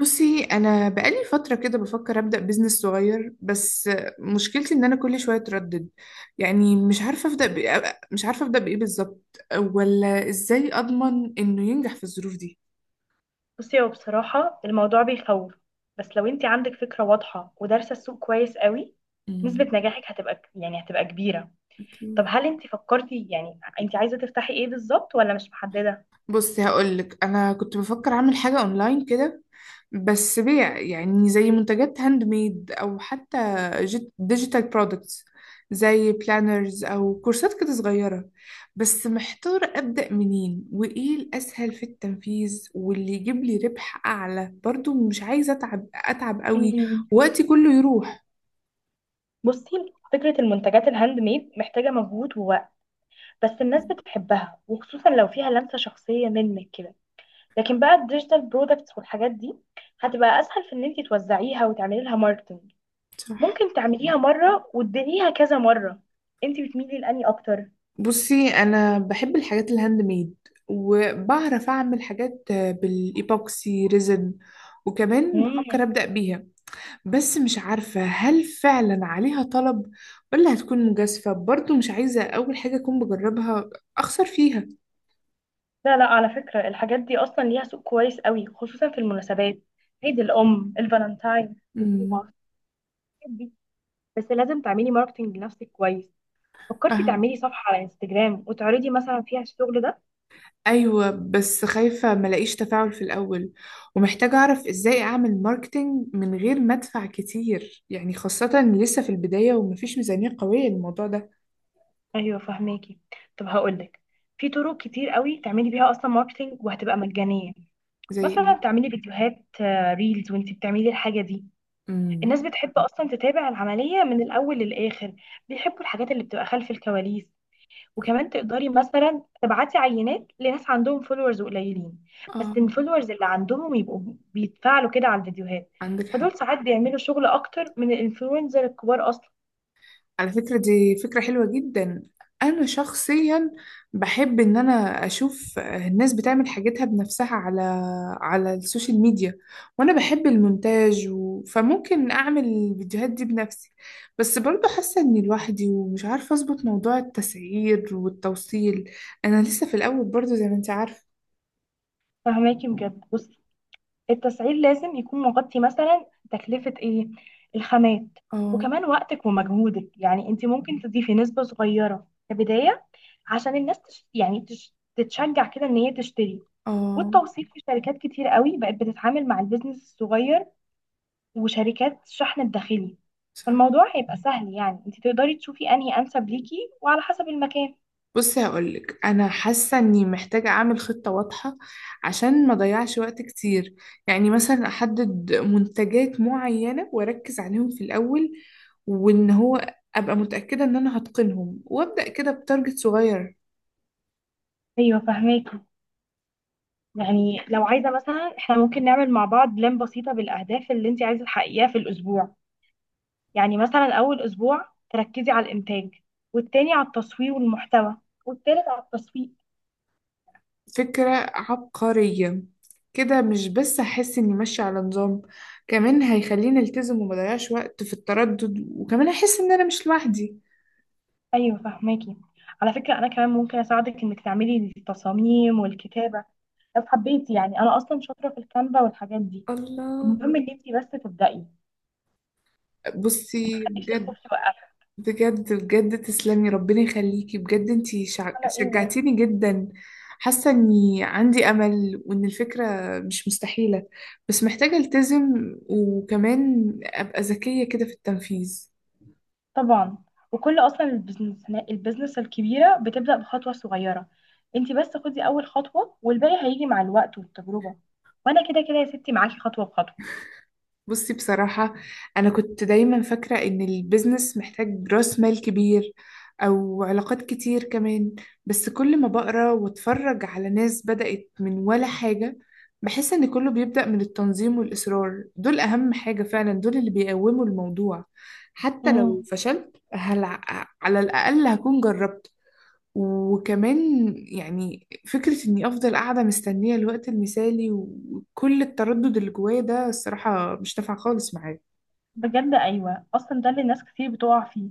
بصي، انا بقالي فتره كده بفكر ابدا بزنس صغير. بس مشكلتي ان انا كل شويه اتردد. يعني مش عارفه ابدا بإيه، مش عارفه ابدا بايه بالظبط، ولا ازاي اضمن انه ينجح في الظروف دي. بصي، هو بصراحة الموضوع بيخوف. بس لو انت عندك فكرة واضحة ودارسة السوق كويس قوي، نسبة امم نجاحك هتبقى كبيرة. طب اوكي. هل انت فكرتي، يعني انت عايزة تفتحي ايه بالظبط ولا مش محددة؟ بصي هقولك، انا كنت بفكر اعمل حاجه اونلاين كده، بس بيع يعني زي منتجات هاند ميد، او حتى ديجيتال برودكتس، زي بلانرز او كورسات كده صغيره. بس محتاره ابدا منين وايه الاسهل في التنفيذ واللي يجيب لي ربح اعلى، برضو مش عايزه اتعب قوي، مم. وقتي كله يروح. بصي، فكرة المنتجات الهاند ميد محتاجة مجهود ووقت، بس الناس بتحبها وخصوصا لو فيها لمسة شخصية منك كده. لكن بقى الديجيتال برودكتس والحاجات دي هتبقى اسهل في ان انت توزعيها وتعملي لها ماركتنج. صح. ممكن تعمليها مرة وتديريها كذا مرة. انت بتميلي لاني اكتر؟ بصي، انا بحب الحاجات الهاند ميد، وبعرف اعمل حاجات بالايبوكسي ريزن، وكمان بفكر مم. ابدا بيها. بس مش عارفه هل فعلا عليها طلب، ولا هتكون مجازفه. برضو مش عايزه اول حاجه اكون بجربها اخسر فيها. لا لا، على فكرة الحاجات دي أصلا ليها سوق كويس قوي، خصوصا في المناسبات: عيد الأم، الفالنتاين، الخطوبة، امم. الحاجات دي. بس لازم تعملي ماركتينج لنفسك كويس. فكرتي فاهم. تعملي صفحة على انستجرام وتعرضي مثلا فيها الشغل ده؟ ايوه، بس خايفه ملاقيش تفاعل في الاول، ومحتاجه اعرف ازاي اعمل ماركتينج من غير ما ادفع كتير، يعني خاصه لسه في البدايه ومفيش ميزانيه قويه للموضوع ده. أيوة، فهماكي. طب هقولك، في طرق كتير قوي تعملي بيها أصلا ماركتينج وهتبقى مجانية. زي مثلا ايه؟ تعملي فيديوهات، آه، ريلز وانتي بتعملي الحاجة دي. الناس امم بتحب أصلا تتابع العملية من الأول للآخر. بيحبوا الحاجات اللي بتبقى خلف الكواليس. وكمان تقدري مثلا تبعتي عينات لناس عندهم فولورز قليلين، بس اه. الفولورز اللي عندهم يبقوا بيتفاعلوا كده على الفيديوهات. عندك فدول حق. ساعات بيعملوا شغل اكتر من الانفلونزر الكبار اصلا. على فكرة دي فكرة حلوة جدا. انا شخصيا بحب ان انا اشوف الناس بتعمل حاجتها بنفسها على، على السوشيال ميديا، وانا بحب المونتاج فممكن اعمل الفيديوهات دي بنفسي. بس برضه حاسة اني لوحدي ومش عارفة اظبط موضوع التسعير والتوصيل، انا لسه في الاول برضه زي ما انت عارفة. فهماكي بجد. بصي، التسعير لازم يكون مغطي مثلا تكلفة ايه، الخامات، اه. وكمان وقتك ومجهودك. يعني انت ممكن تضيفي نسبة صغيرة كبداية عشان الناس تتشجع كده ان هي تشتري. اه. والتوثيق، في شركات كتير قوي بقت بتتعامل مع البيزنس الصغير وشركات الشحن الداخلي. صح. فالموضوع هيبقى سهل، يعني انت تقدري تشوفي انهي انسب ليكي وعلى حسب المكان. بصي هقولك، انا حاسه اني محتاجه اعمل خطه واضحه عشان ما اضيعش وقت كتير. يعني مثلا احدد منتجات معينه واركز عليهم في الاول، وان هو ابقى متاكده ان انا هتقنهم وابدا كده بتارجت صغير. ايوه، فهماكي. يعني لو عايزه مثلا، احنا ممكن نعمل مع بعض بلان بسيطه بالاهداف اللي انت عايزه تحققيها في الاسبوع. يعني مثلا اول اسبوع تركزي على الانتاج، والتاني على التصوير والمحتوى، والتالت على التسويق. فكره عبقريه! كده مش بس هحس اني ماشيه على نظام، كمان هيخليني التزم وما اضيعش وقت في التردد، وكمان احس ان انا مش لوحدي. ايوه، فهماكي. على فكره انا كمان ممكن اساعدك انك تعملي التصاميم والكتابه لو حبيتي، يعني انا اصلا شاطره في الكانفا والحاجات دي. الله. المهم ان انت بس تبدأي. بصي نفسي بجد، الخوف يوقفها. بجد تسلمي، ربنا يخليكي، بجد انتي على ايه بس. شجعتيني جدا. حاسه اني عندي امل وان الفكره مش مستحيله، بس محتاجه التزم وكمان ابقى ذكيه كده في التنفيذ. طبعا. وكل اصلا البزنس الكبيره بتبدا بخطوه صغيره. انت بس خدي اول خطوه والباقي هيجي مع الوقت والتجربه. وانا كده كده يا ستي معاكي خطوه بخطوه. بصي بصراحة، أنا كنت دايما فاكرة إن البيزنس محتاج رأس مال كبير أو علاقات كتير كمان. بس كل ما بقرأ واتفرج على ناس بدأت من ولا حاجة، بحس إن كله بيبدأ من التنظيم والإصرار. دول أهم حاجة فعلا، دول اللي بيقوموا الموضوع. حتى لو امم. فشلت، هل على الأقل هكون جربت. وكمان يعني، فكرة إني أفضل قاعدة مستنية الوقت المثالي وكل التردد اللي جوايا ده، الصراحة مش نافعة خالص معايا. بجد ايوه، اصلا ده اللي ناس كتير بتقع فيه.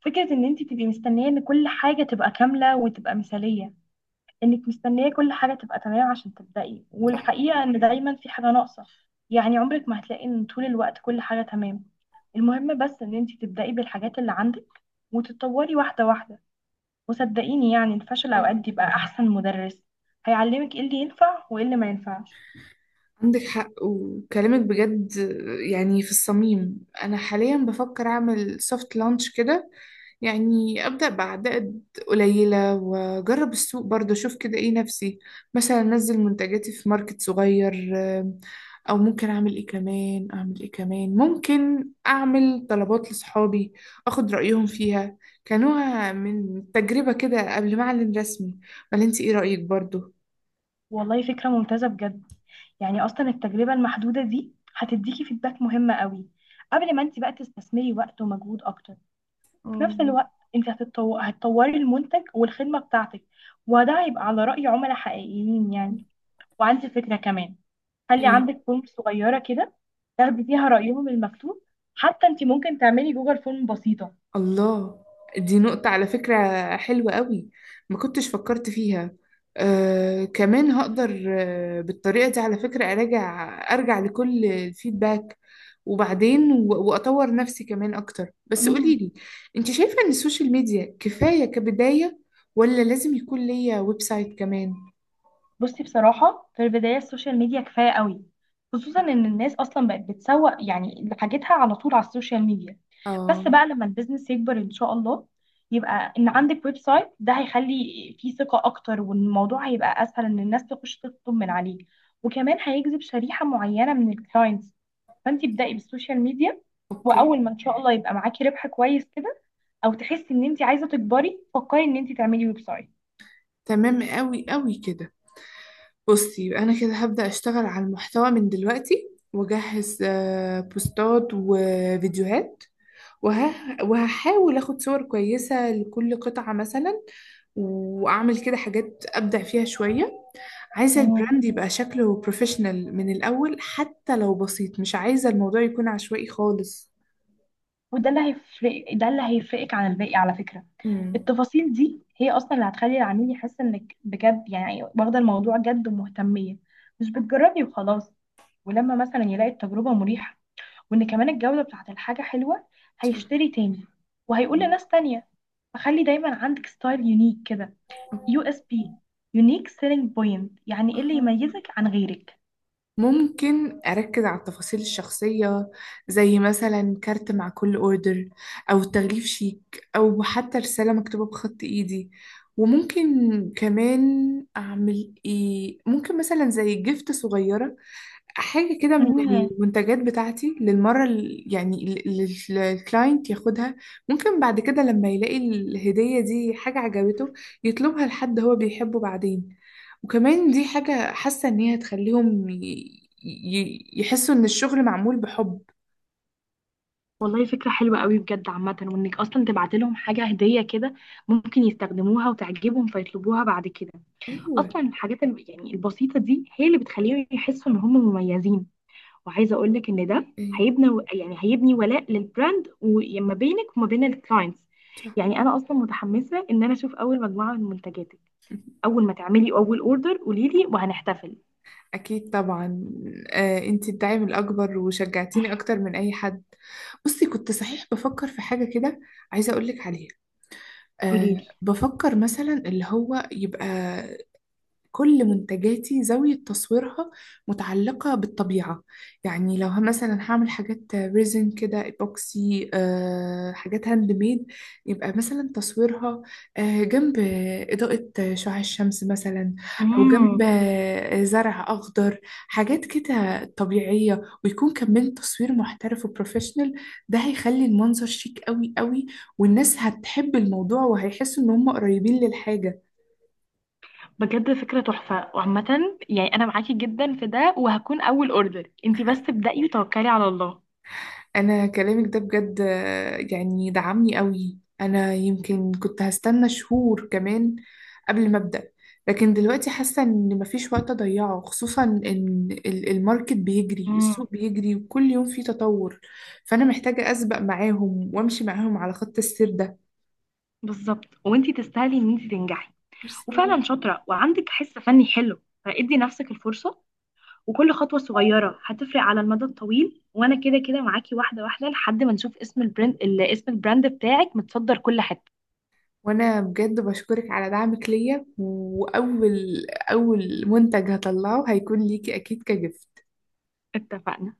فكره ان انت تبقي مستنيه ان كل حاجه تبقى كامله وتبقى مثاليه، انك مستنيه كل حاجه تبقى تمام عشان تبدأي، والحقيقه ان دايما في حاجه ناقصه. يعني عمرك ما هتلاقي ان طول الوقت كل حاجه تمام. المهم بس ان انت تبدأي بالحاجات اللي عندك وتتطوري واحده واحده. وصدقيني يعني الفشل صح. اوقات بيبقى احسن مدرس، هيعلمك ايه اللي ينفع وايه اللي ما ينفعش. عندك حق وكلامك بجد يعني في الصميم. انا حاليا بفكر اعمل سوفت لانش كده، يعني ابدا بعدد قليله واجرب السوق برضه، اشوف كده ايه نفسي. مثلا انزل منتجاتي في ماركت صغير، آم، او ممكن اعمل ايه كمان، ممكن اعمل طلبات لصحابي اخد رايهم فيها، كنوع من تجربه كده قبل ما اعلن رسمي. ولا انت ايه رايك برضه؟ والله فكره ممتازه بجد. يعني اصلا التجربه المحدوده دي هتديكي فيدباك مهمه قوي قبل ما انت بقى تستثمري وقت ومجهود اكتر. وفي آه، نفس الوقت، انت هتطوري المنتج والخدمة بتاعتك، وده هيبقى على رأي عملاء حقيقيين يعني. وعندي فكرة كمان، خلي ايه؟ عندك فورم صغيرة كده تاخدي فيها رأيهم المكتوب، حتى انت ممكن تعملي جوجل فورم بسيطة. الله، دي نقطة على فكرة حلوة قوي، ما كنتش فكرت فيها. كمان هقدر، بالطريقة دي على فكرة أراجع، أرجع لكل الفيدباك وبعدين وأطور نفسي كمان أكتر. بس مم. قوليلي، أنت شايفة إن السوشيال ميديا كفاية كبداية، ولا لازم يكون ليا ويب سايت كمان؟ بصي بصراحة في البداية السوشيال ميديا كفاية قوي، خصوصا ان الناس اصلا بقت بتسوق يعني لحاجتها على طول على السوشيال ميديا. آه. بس بقى لما البيزنس يكبر ان شاء الله، يبقى ان عندك ويب سايت، ده هيخلي فيه ثقة اكتر والموضوع هيبقى اسهل ان الناس تخش تطلب من عليه. وكمان هيجذب شريحة معينة من الكلاينتس. فانت ابدأي بالسوشيال ميديا، أوكي. واول ما ان شاء الله يبقى معاكي ربح كويس كده او تحسي ان انت عايزة تكبري، فكري ان انت تعملي ويب تمام، قوي قوي كده. بصي يبقى انا كده هبدأ اشتغل على المحتوى من دلوقتي واجهز بوستات وفيديوهات، وه... وهحاول اخد صور كويسة لكل قطعة مثلا، واعمل كده حاجات ابدع فيها شوية. عايزة سايت. البراند يبقى شكله بروفيشنال من الاول، حتى لو بسيط، مش عايزة الموضوع يكون عشوائي خالص. وده اللي هيفرقك عن الباقي على فكرة. امم. التفاصيل دي هي اصلا اللي هتخلي العميل يحس انك بجد يعني واخدة الموضوع جد ومهتمية، مش بتجربي وخلاص. ولما مثلا يلاقي التجربة مريحة وان كمان الجودة بتاعت الحاجة حلوة، هيشتري تاني وهيقول لناس تانية. فخلي دايما عندك ستايل يونيك كده، يو اس بي، يونيك سيلينج بوينت، يعني ايه اللي صح. يميزك عن غيرك. ممكن أركز على التفاصيل الشخصية، زي مثلا كارت مع كل أوردر، أو تغليف شيك، أو حتى رسالة مكتوبة بخط إيدي. وممكن كمان أعمل إيه، ممكن مثلا زي جيفت صغيرة، حاجة كده من المنتجات بتاعتي للمرة يعني للكلاينت ياخدها. ممكن بعد كده لما يلاقي الهدية دي حاجة عجبته، يطلبها لحد هو بيحبه بعدين. وكمان دي حاجة حاسة إن هي هتخليهم يحسوا إن الشغل معمول بحب. والله فكرة حلوة قوي بجد عامة، وانك اصلا تبعت لهم حاجة هدية كده، ممكن يستخدموها وتعجبهم فيطلبوها بعد كده. أيوة. اصلا الحاجات يعني البسيطة دي هي اللي بتخليهم يحسوا ان هم مميزين. وعايزة اقول لك ان ده إيه؟ هيبني هيبني ولاء للبراند وما بينك وما بين الكلاينتس. صح. يعني انا اصلا متحمسة ان انا اشوف اول مجموعة من منتجاتك. اول ما تعملي اول اوردر قولي لي وهنحتفل. أكيد طبعا. أنتي الداعم الأكبر وشجعتيني أكتر من أي حد. بصي كنت صحيح بفكر في حاجة كده، عايزة أقولك عليها. قولي أه بفكر مثلا اللي هو يبقى كل منتجاتي زاوية تصويرها متعلقة بالطبيعة. يعني لو مثلا هعمل حاجات ريزن كده ايبوكسي، حاجات هاند ميد، يبقى مثلا تصويرها جنب إضاءة شعاع الشمس مثلا، أو جنب لي زرع أخضر، حاجات كده طبيعية، ويكون كمان تصوير محترف وبروفيشنال. ده هيخلي المنظر شيك قوي قوي، والناس هتحب الموضوع وهيحسوا إن هم قريبين للحاجة. بجد فكرة تحفة وعامة يعني، أنا معاكي جدا في ده وهكون أول أوردر، انتي بس ابدأي وتوكلي على الله. انا كلامك ده بجد، يعني دعمني قوي. انا يمكن كنت هستنى شهور كمان قبل ما ابدا، لكن دلوقتي حاسه ان مفيش وقت اضيعه، خصوصا ان الماركت بيجري، امم. السوق بيجري وكل يوم فيه تطور. فانا محتاجه اسبق معاهم وامشي معاهم على خط السير ده. بالظبط، وانتي تستاهلي إن انتي تنجحي ميرسي. وفعلا شاطرة وعندك حس فني حلو، فادي نفسك الفرصة. وكل خطوة صغيرة هتفرق على المدى الطويل، وأنا كده كده معاكي واحدة واحدة لحد ما نشوف اسم البراند اسم البراند بتاعك متصدر كل حتة. وانا بجد بشكرك على دعمك ليا، واول منتج هطلعه هيكون ليكي اكيد كجفت. اتفقنا.